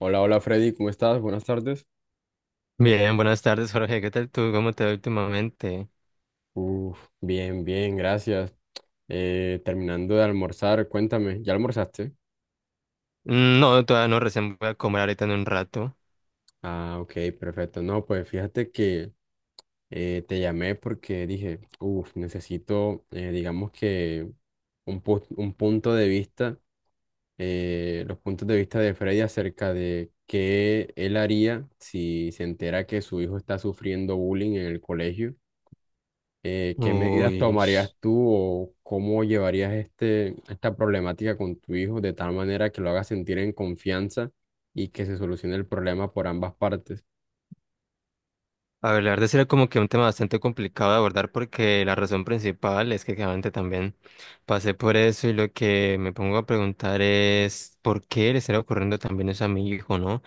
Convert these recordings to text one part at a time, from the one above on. Hola, hola Freddy, ¿cómo estás? Buenas tardes. Bien, buenas tardes, Jorge. ¿Qué tal tú? ¿Cómo te va últimamente? Uf, bien, bien, gracias. Terminando de almorzar, cuéntame, ¿ya almorzaste? No, todavía no, recién voy a comer ahorita en un rato. Ah, ok, perfecto. No, pues fíjate que te llamé porque dije, uf, necesito, digamos que un punto de vista, los puntos de vista de Freddy acerca de qué él haría si se entera que su hijo está sufriendo bullying en el colegio. ¿Qué medidas Uy. tomarías tú o cómo llevarías esta problemática con tu hijo de tal manera que lo hagas sentir en confianza y que se solucione el problema por ambas partes? A ver, la verdad sí era como que un tema bastante complicado de abordar porque la razón principal es que claramente también pasé por eso y lo que me pongo a preguntar es por qué le estará ocurriendo también eso a mi hijo, ¿no?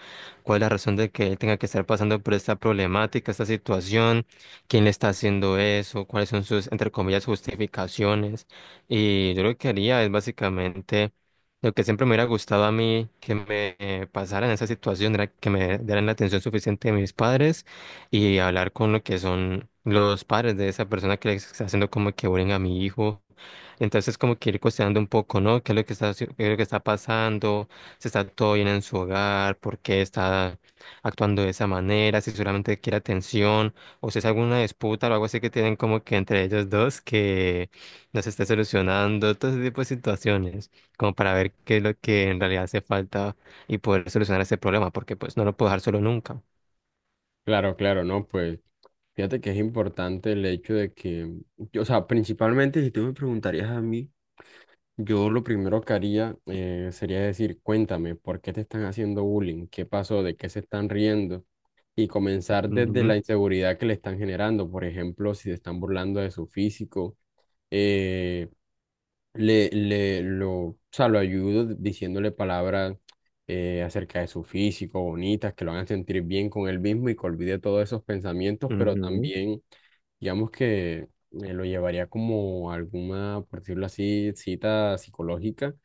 ¿Cuál es la razón de que él tenga que estar pasando por esta problemática, esta situación? ¿Quién le está haciendo eso? ¿Cuáles son sus, entre comillas, justificaciones? Y yo lo que haría es básicamente... Lo que siempre me hubiera gustado a mí que me pasara en esa situación era que me dieran la atención suficiente de mis padres y hablar con lo que son los padres de esa persona que le está haciendo como que bullying a mi hijo. Entonces como que ir cuestionando un poco, ¿no? ¿Qué es lo que qué es lo que está pasando? ¿Si está todo bien en su hogar? ¿Por qué está actuando de esa manera? ¿Si solamente quiere atención? ¿O si es alguna disputa o algo así que tienen como que entre ellos dos que no se esté solucionando? Todo ese tipo de situaciones, como para ver qué es lo que en realidad hace falta y poder solucionar ese problema, porque pues no lo puedo dejar solo nunca. Claro, claro, ¿no? Pues fíjate que es importante el hecho de que yo, o sea, principalmente, si tú me preguntarías a mí, yo lo primero que haría, sería decir, cuéntame, ¿por qué te están haciendo bullying? ¿Qué pasó? ¿De qué se están riendo? Y comenzar desde Ujú, la inseguridad que le están generando. Por ejemplo, si se están burlando de su físico, eh, o sea, lo ayudo diciéndole palabras acerca de su físico, bonitas, que lo hagan sentir bien con él mismo y que olvide todos esos pensamientos, pero ujú. también... Digamos que lo llevaría como a alguna, por decirlo así, cita psicológica,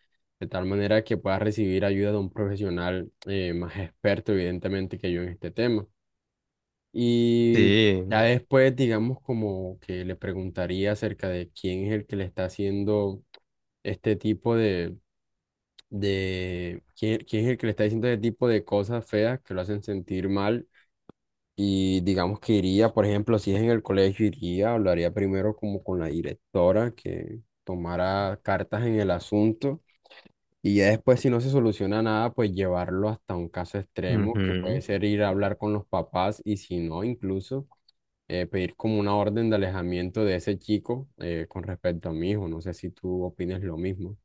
de tal manera que pueda recibir ayuda de un profesional más experto, evidentemente, que yo en este tema. Y Sí, ya después, digamos, como que le preguntaría acerca de quién es el que le está haciendo este tipo de, quién es el que le está diciendo este tipo de cosas feas que lo hacen sentir mal, y digamos que iría, por ejemplo, si es en el colegio, iría, hablaría primero como con la directora, que tomara cartas en el asunto, y ya después, si no se soluciona nada, pues llevarlo hasta un caso extremo, que puede ujú. ser ir a hablar con los papás y, si no, incluso, pedir como una orden de alejamiento de ese chico con respecto a mi hijo. No sé si tú opinas lo mismo.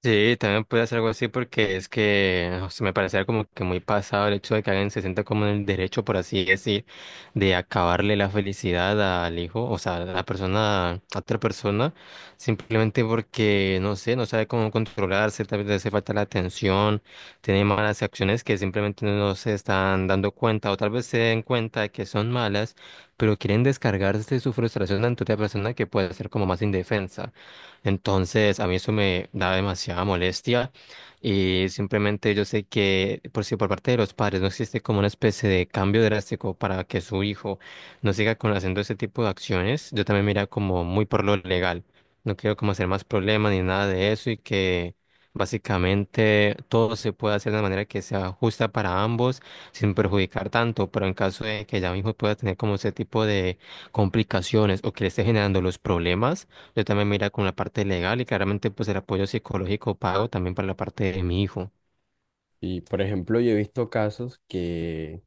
Sí, también puede hacer algo así porque es que o sea, me parece como que muy pasado el hecho de que alguien se sienta como en el derecho, por así decir, de acabarle la felicidad al hijo, o sea, a la persona, a otra persona, simplemente porque, no sé, no sabe cómo controlarse, tal vez le hace falta la atención, tiene malas acciones que simplemente no se están dando cuenta o tal vez se den cuenta de que son malas, pero quieren descargarse su frustración ante otra persona que puede ser como más indefensa. Entonces, a mí eso me da demasiada molestia y simplemente yo sé que por si por parte de los padres no existe como una especie de cambio drástico para que su hijo no siga con haciendo ese tipo de acciones, yo también me iría como muy por lo legal. No quiero como hacer más problemas ni nada de eso y que básicamente todo se pueda hacer de manera que sea justa para ambos sin perjudicar tanto, pero en caso de que ya mi hijo pueda tener como ese tipo de complicaciones o que le esté generando los problemas yo también mira con la parte legal y claramente pues el apoyo psicológico pago también para la parte de mi hijo. Y, por ejemplo, yo he visto casos que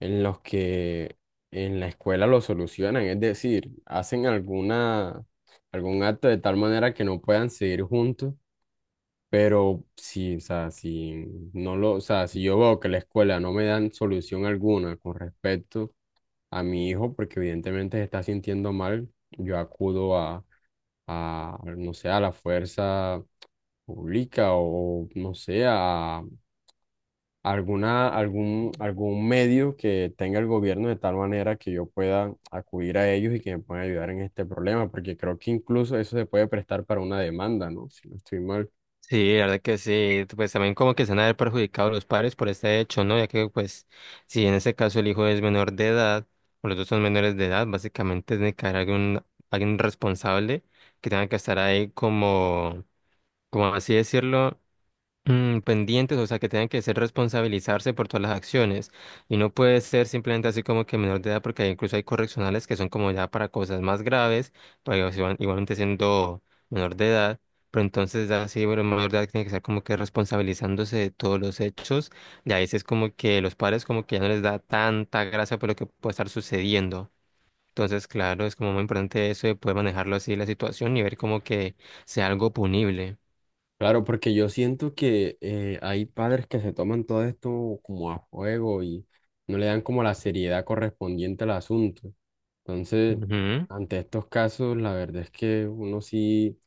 en los que en la escuela lo solucionan, es decir, hacen algún acto de tal manera que no puedan seguir juntos, pero si, o sea, o sea, si yo veo que la escuela no me dan solución alguna con respecto a mi hijo, porque evidentemente se está sintiendo mal, yo acudo a, no sé, a la fuerza pública o, no sé, a algún medio que tenga el gobierno, de tal manera que yo pueda acudir a ellos y que me puedan ayudar en este problema, porque creo que incluso eso se puede prestar para una demanda, ¿no? Si no estoy mal. Sí, la verdad que sí, pues también como que se han de haber perjudicado los padres por este hecho, ¿no? Ya que pues si en ese caso el hijo es menor de edad o los dos son menores de edad, básicamente tiene que haber algún, alguien responsable que tenga que estar ahí como, como así decirlo. Pendientes, o sea, que tengan que ser responsabilizarse por todas las acciones y no puede ser simplemente así como que menor de edad, porque incluso hay correccionales que son como ya para cosas más graves, pero ellos igualmente siendo menor de edad, pero entonces ya sí, bueno, menor de edad tiene que ser como que responsabilizándose de todos los hechos y a veces como que los padres como que ya no les da tanta gracia por lo que puede estar sucediendo. Entonces, claro, es como muy importante eso de poder manejarlo así la situación y ver como que sea algo punible. Claro, porque yo siento que, hay padres que se toman todo esto como a juego y no le dan como la seriedad correspondiente al asunto. Entonces, ante estos casos, la verdad es que uno sí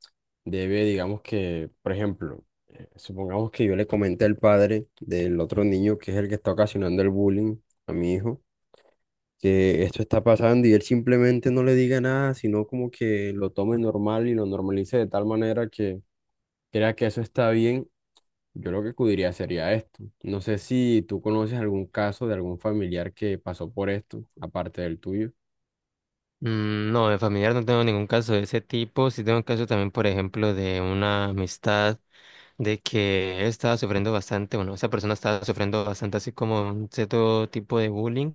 debe, digamos que, por ejemplo, supongamos que yo le comenté al padre del otro niño, que es el que está ocasionando el bullying a mi hijo, que esto está pasando, y él simplemente no le diga nada, sino como que lo tome normal y lo normalice de tal manera que crea que eso está bien, yo lo que acudiría sería esto. No sé si tú conoces algún caso de algún familiar que pasó por esto, aparte del tuyo. No, de familiar no tengo ningún caso de ese tipo. Sí tengo un caso también, por ejemplo, de una amistad de que él estaba sufriendo bastante, bueno, esa persona estaba sufriendo bastante así como un cierto tipo de bullying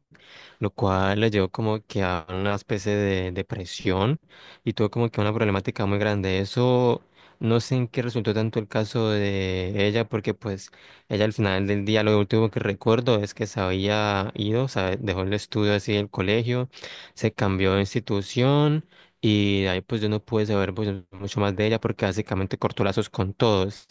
lo cual le llevó como que a una especie de depresión y tuvo como que una problemática muy grande. Eso no sé en qué resultó tanto el caso de ella, porque pues ella al final del día lo último que recuerdo es que se había ido, o sea, dejó el estudio así del colegio, se cambió de institución. Y de ahí pues yo no pude saber pues, mucho más de ella porque básicamente cortó lazos con todos.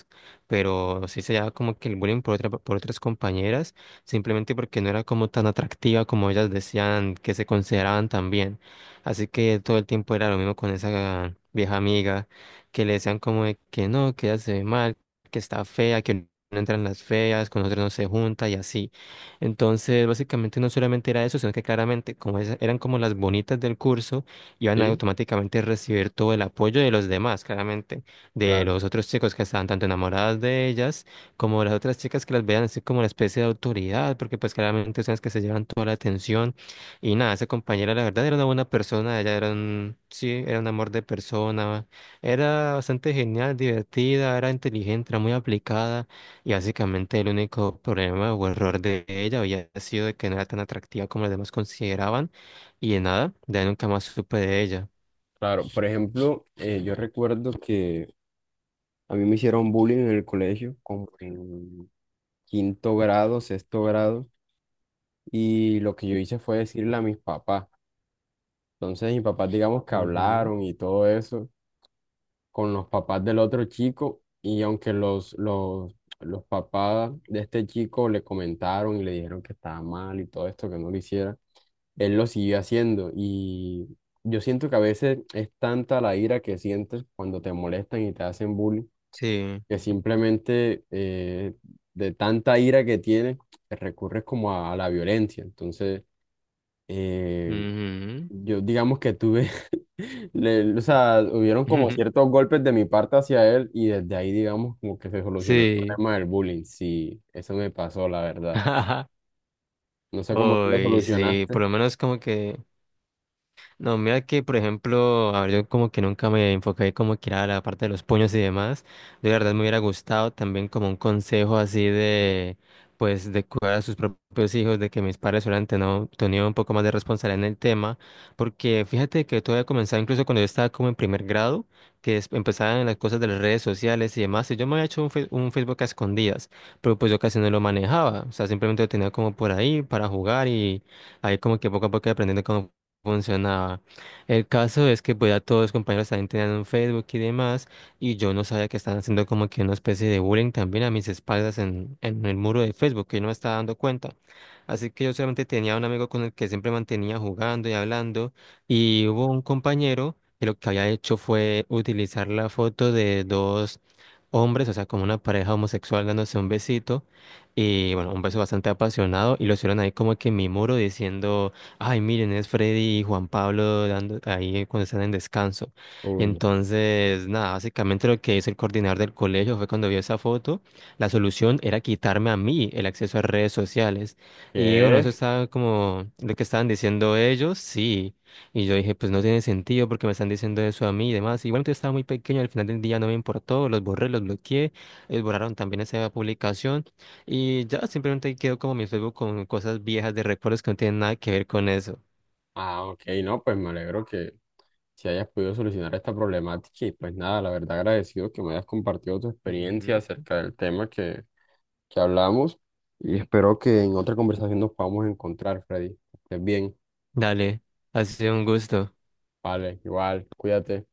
Pero sí se llevaba como que el bullying por otras compañeras simplemente porque no era como tan atractiva como ellas decían que se consideraban también. Así que todo el tiempo era lo mismo con esa vieja amiga, que le decían como de que no, que ella se ve mal, que está fea, que no entran las feas, con nosotros no se junta y así. Entonces, básicamente no solamente era eso, sino que claramente, como esas eran como las bonitas del curso, iban a Sí, automáticamente recibir todo el apoyo de los demás, claramente, de claro, los otros chicos que estaban tanto enamoradas de ellas como las otras chicas que las vean así como la especie de autoridad, porque pues claramente son las que se llevan toda la atención. Y nada, esa compañera la verdad era una buena persona, ella era un, sí, era un amor de persona, era bastante genial, divertida, era inteligente, era muy aplicada y básicamente el único problema o error de ella había sido de que no era tan atractiva como los demás consideraban y de nada, de ahí nunca más supe de ella. claro. Por ejemplo, yo recuerdo que a mí me hicieron bullying en el colegio, como en quinto grado, sexto grado, y lo que yo hice fue decirle a mis papás. Entonces mis papás, digamos que Ujú. hablaron y todo eso, con los papás del otro chico, y aunque los papás de este chico le comentaron y le dijeron que estaba mal y todo esto, que no lo hiciera, él lo siguió haciendo. Y yo siento que a veces es tanta la ira que sientes cuando te molestan y te hacen bullying, Sí. que simplemente, de tanta ira que tienes, recurres como a la violencia. Entonces, eh, Ujú. yo digamos que tuve o sea, hubieron como ciertos golpes de mi parte hacia él, y desde ahí, digamos, como que se solucionó el Sí. problema del bullying. Sí, eso me pasó, la verdad. No sé cómo tú lo Uy, sí, solucionaste. por lo menos como que... No, mira que, por ejemplo, a ver, yo como que nunca me enfoqué como que era la parte de los puños y demás. Yo la verdad me hubiera gustado también como un consejo así de, pues, de cuidar a sus propios hijos, de que mis padres hubieran tenido un poco más de responsabilidad en el tema. Porque fíjate que todo había comenzado incluso cuando yo estaba como en primer grado, que empezaban las cosas de las redes sociales y demás. Y yo me había hecho un Facebook a escondidas, pero pues yo casi no lo manejaba. O sea, simplemente lo tenía como por ahí para jugar y ahí como que poco a poco iba aprendiendo cómo funcionaba. El caso es que pues ya todos los compañeros también tenían un Facebook y demás, y yo no sabía que estaban haciendo como que una especie de bullying también a mis espaldas en el muro de Facebook, que yo no me estaba dando cuenta. Así que yo solamente tenía un amigo con el que siempre mantenía jugando y hablando, y hubo un compañero que lo que había hecho fue utilizar la foto de dos hombres, o sea, como una pareja homosexual dándose un besito, y bueno, un beso bastante apasionado, y lo hicieron ahí como que en mi muro diciendo... Ay, miren, es Freddy y Juan Pablo dando, ahí cuando están en descanso. Y Uy. entonces, nada, básicamente lo que hizo el coordinador del colegio fue cuando vio esa foto, la solución era quitarme a mí el acceso a redes sociales. Y bueno, eso ¿Qué? estaba como lo que estaban diciendo ellos, sí. Y yo dije, pues no tiene sentido porque me están diciendo eso a mí y demás. Igual yo estaba muy pequeño, al final del día no me importó, los borré, los bloqueé, ellos borraron también esa publicación. Y ya simplemente quedo como mi Facebook con cosas viejas de recuerdos que no tienen nada que ver con eso. Ah, ok, no, pues me alegro que si hayas podido solucionar esta problemática, y pues nada, la verdad agradecido que me hayas compartido tu experiencia Ujú. acerca del tema que hablamos, y espero que en otra conversación nos podamos encontrar, Freddy. Que estés bien, Dale, ha sido un gusto. vale, igual, cuídate.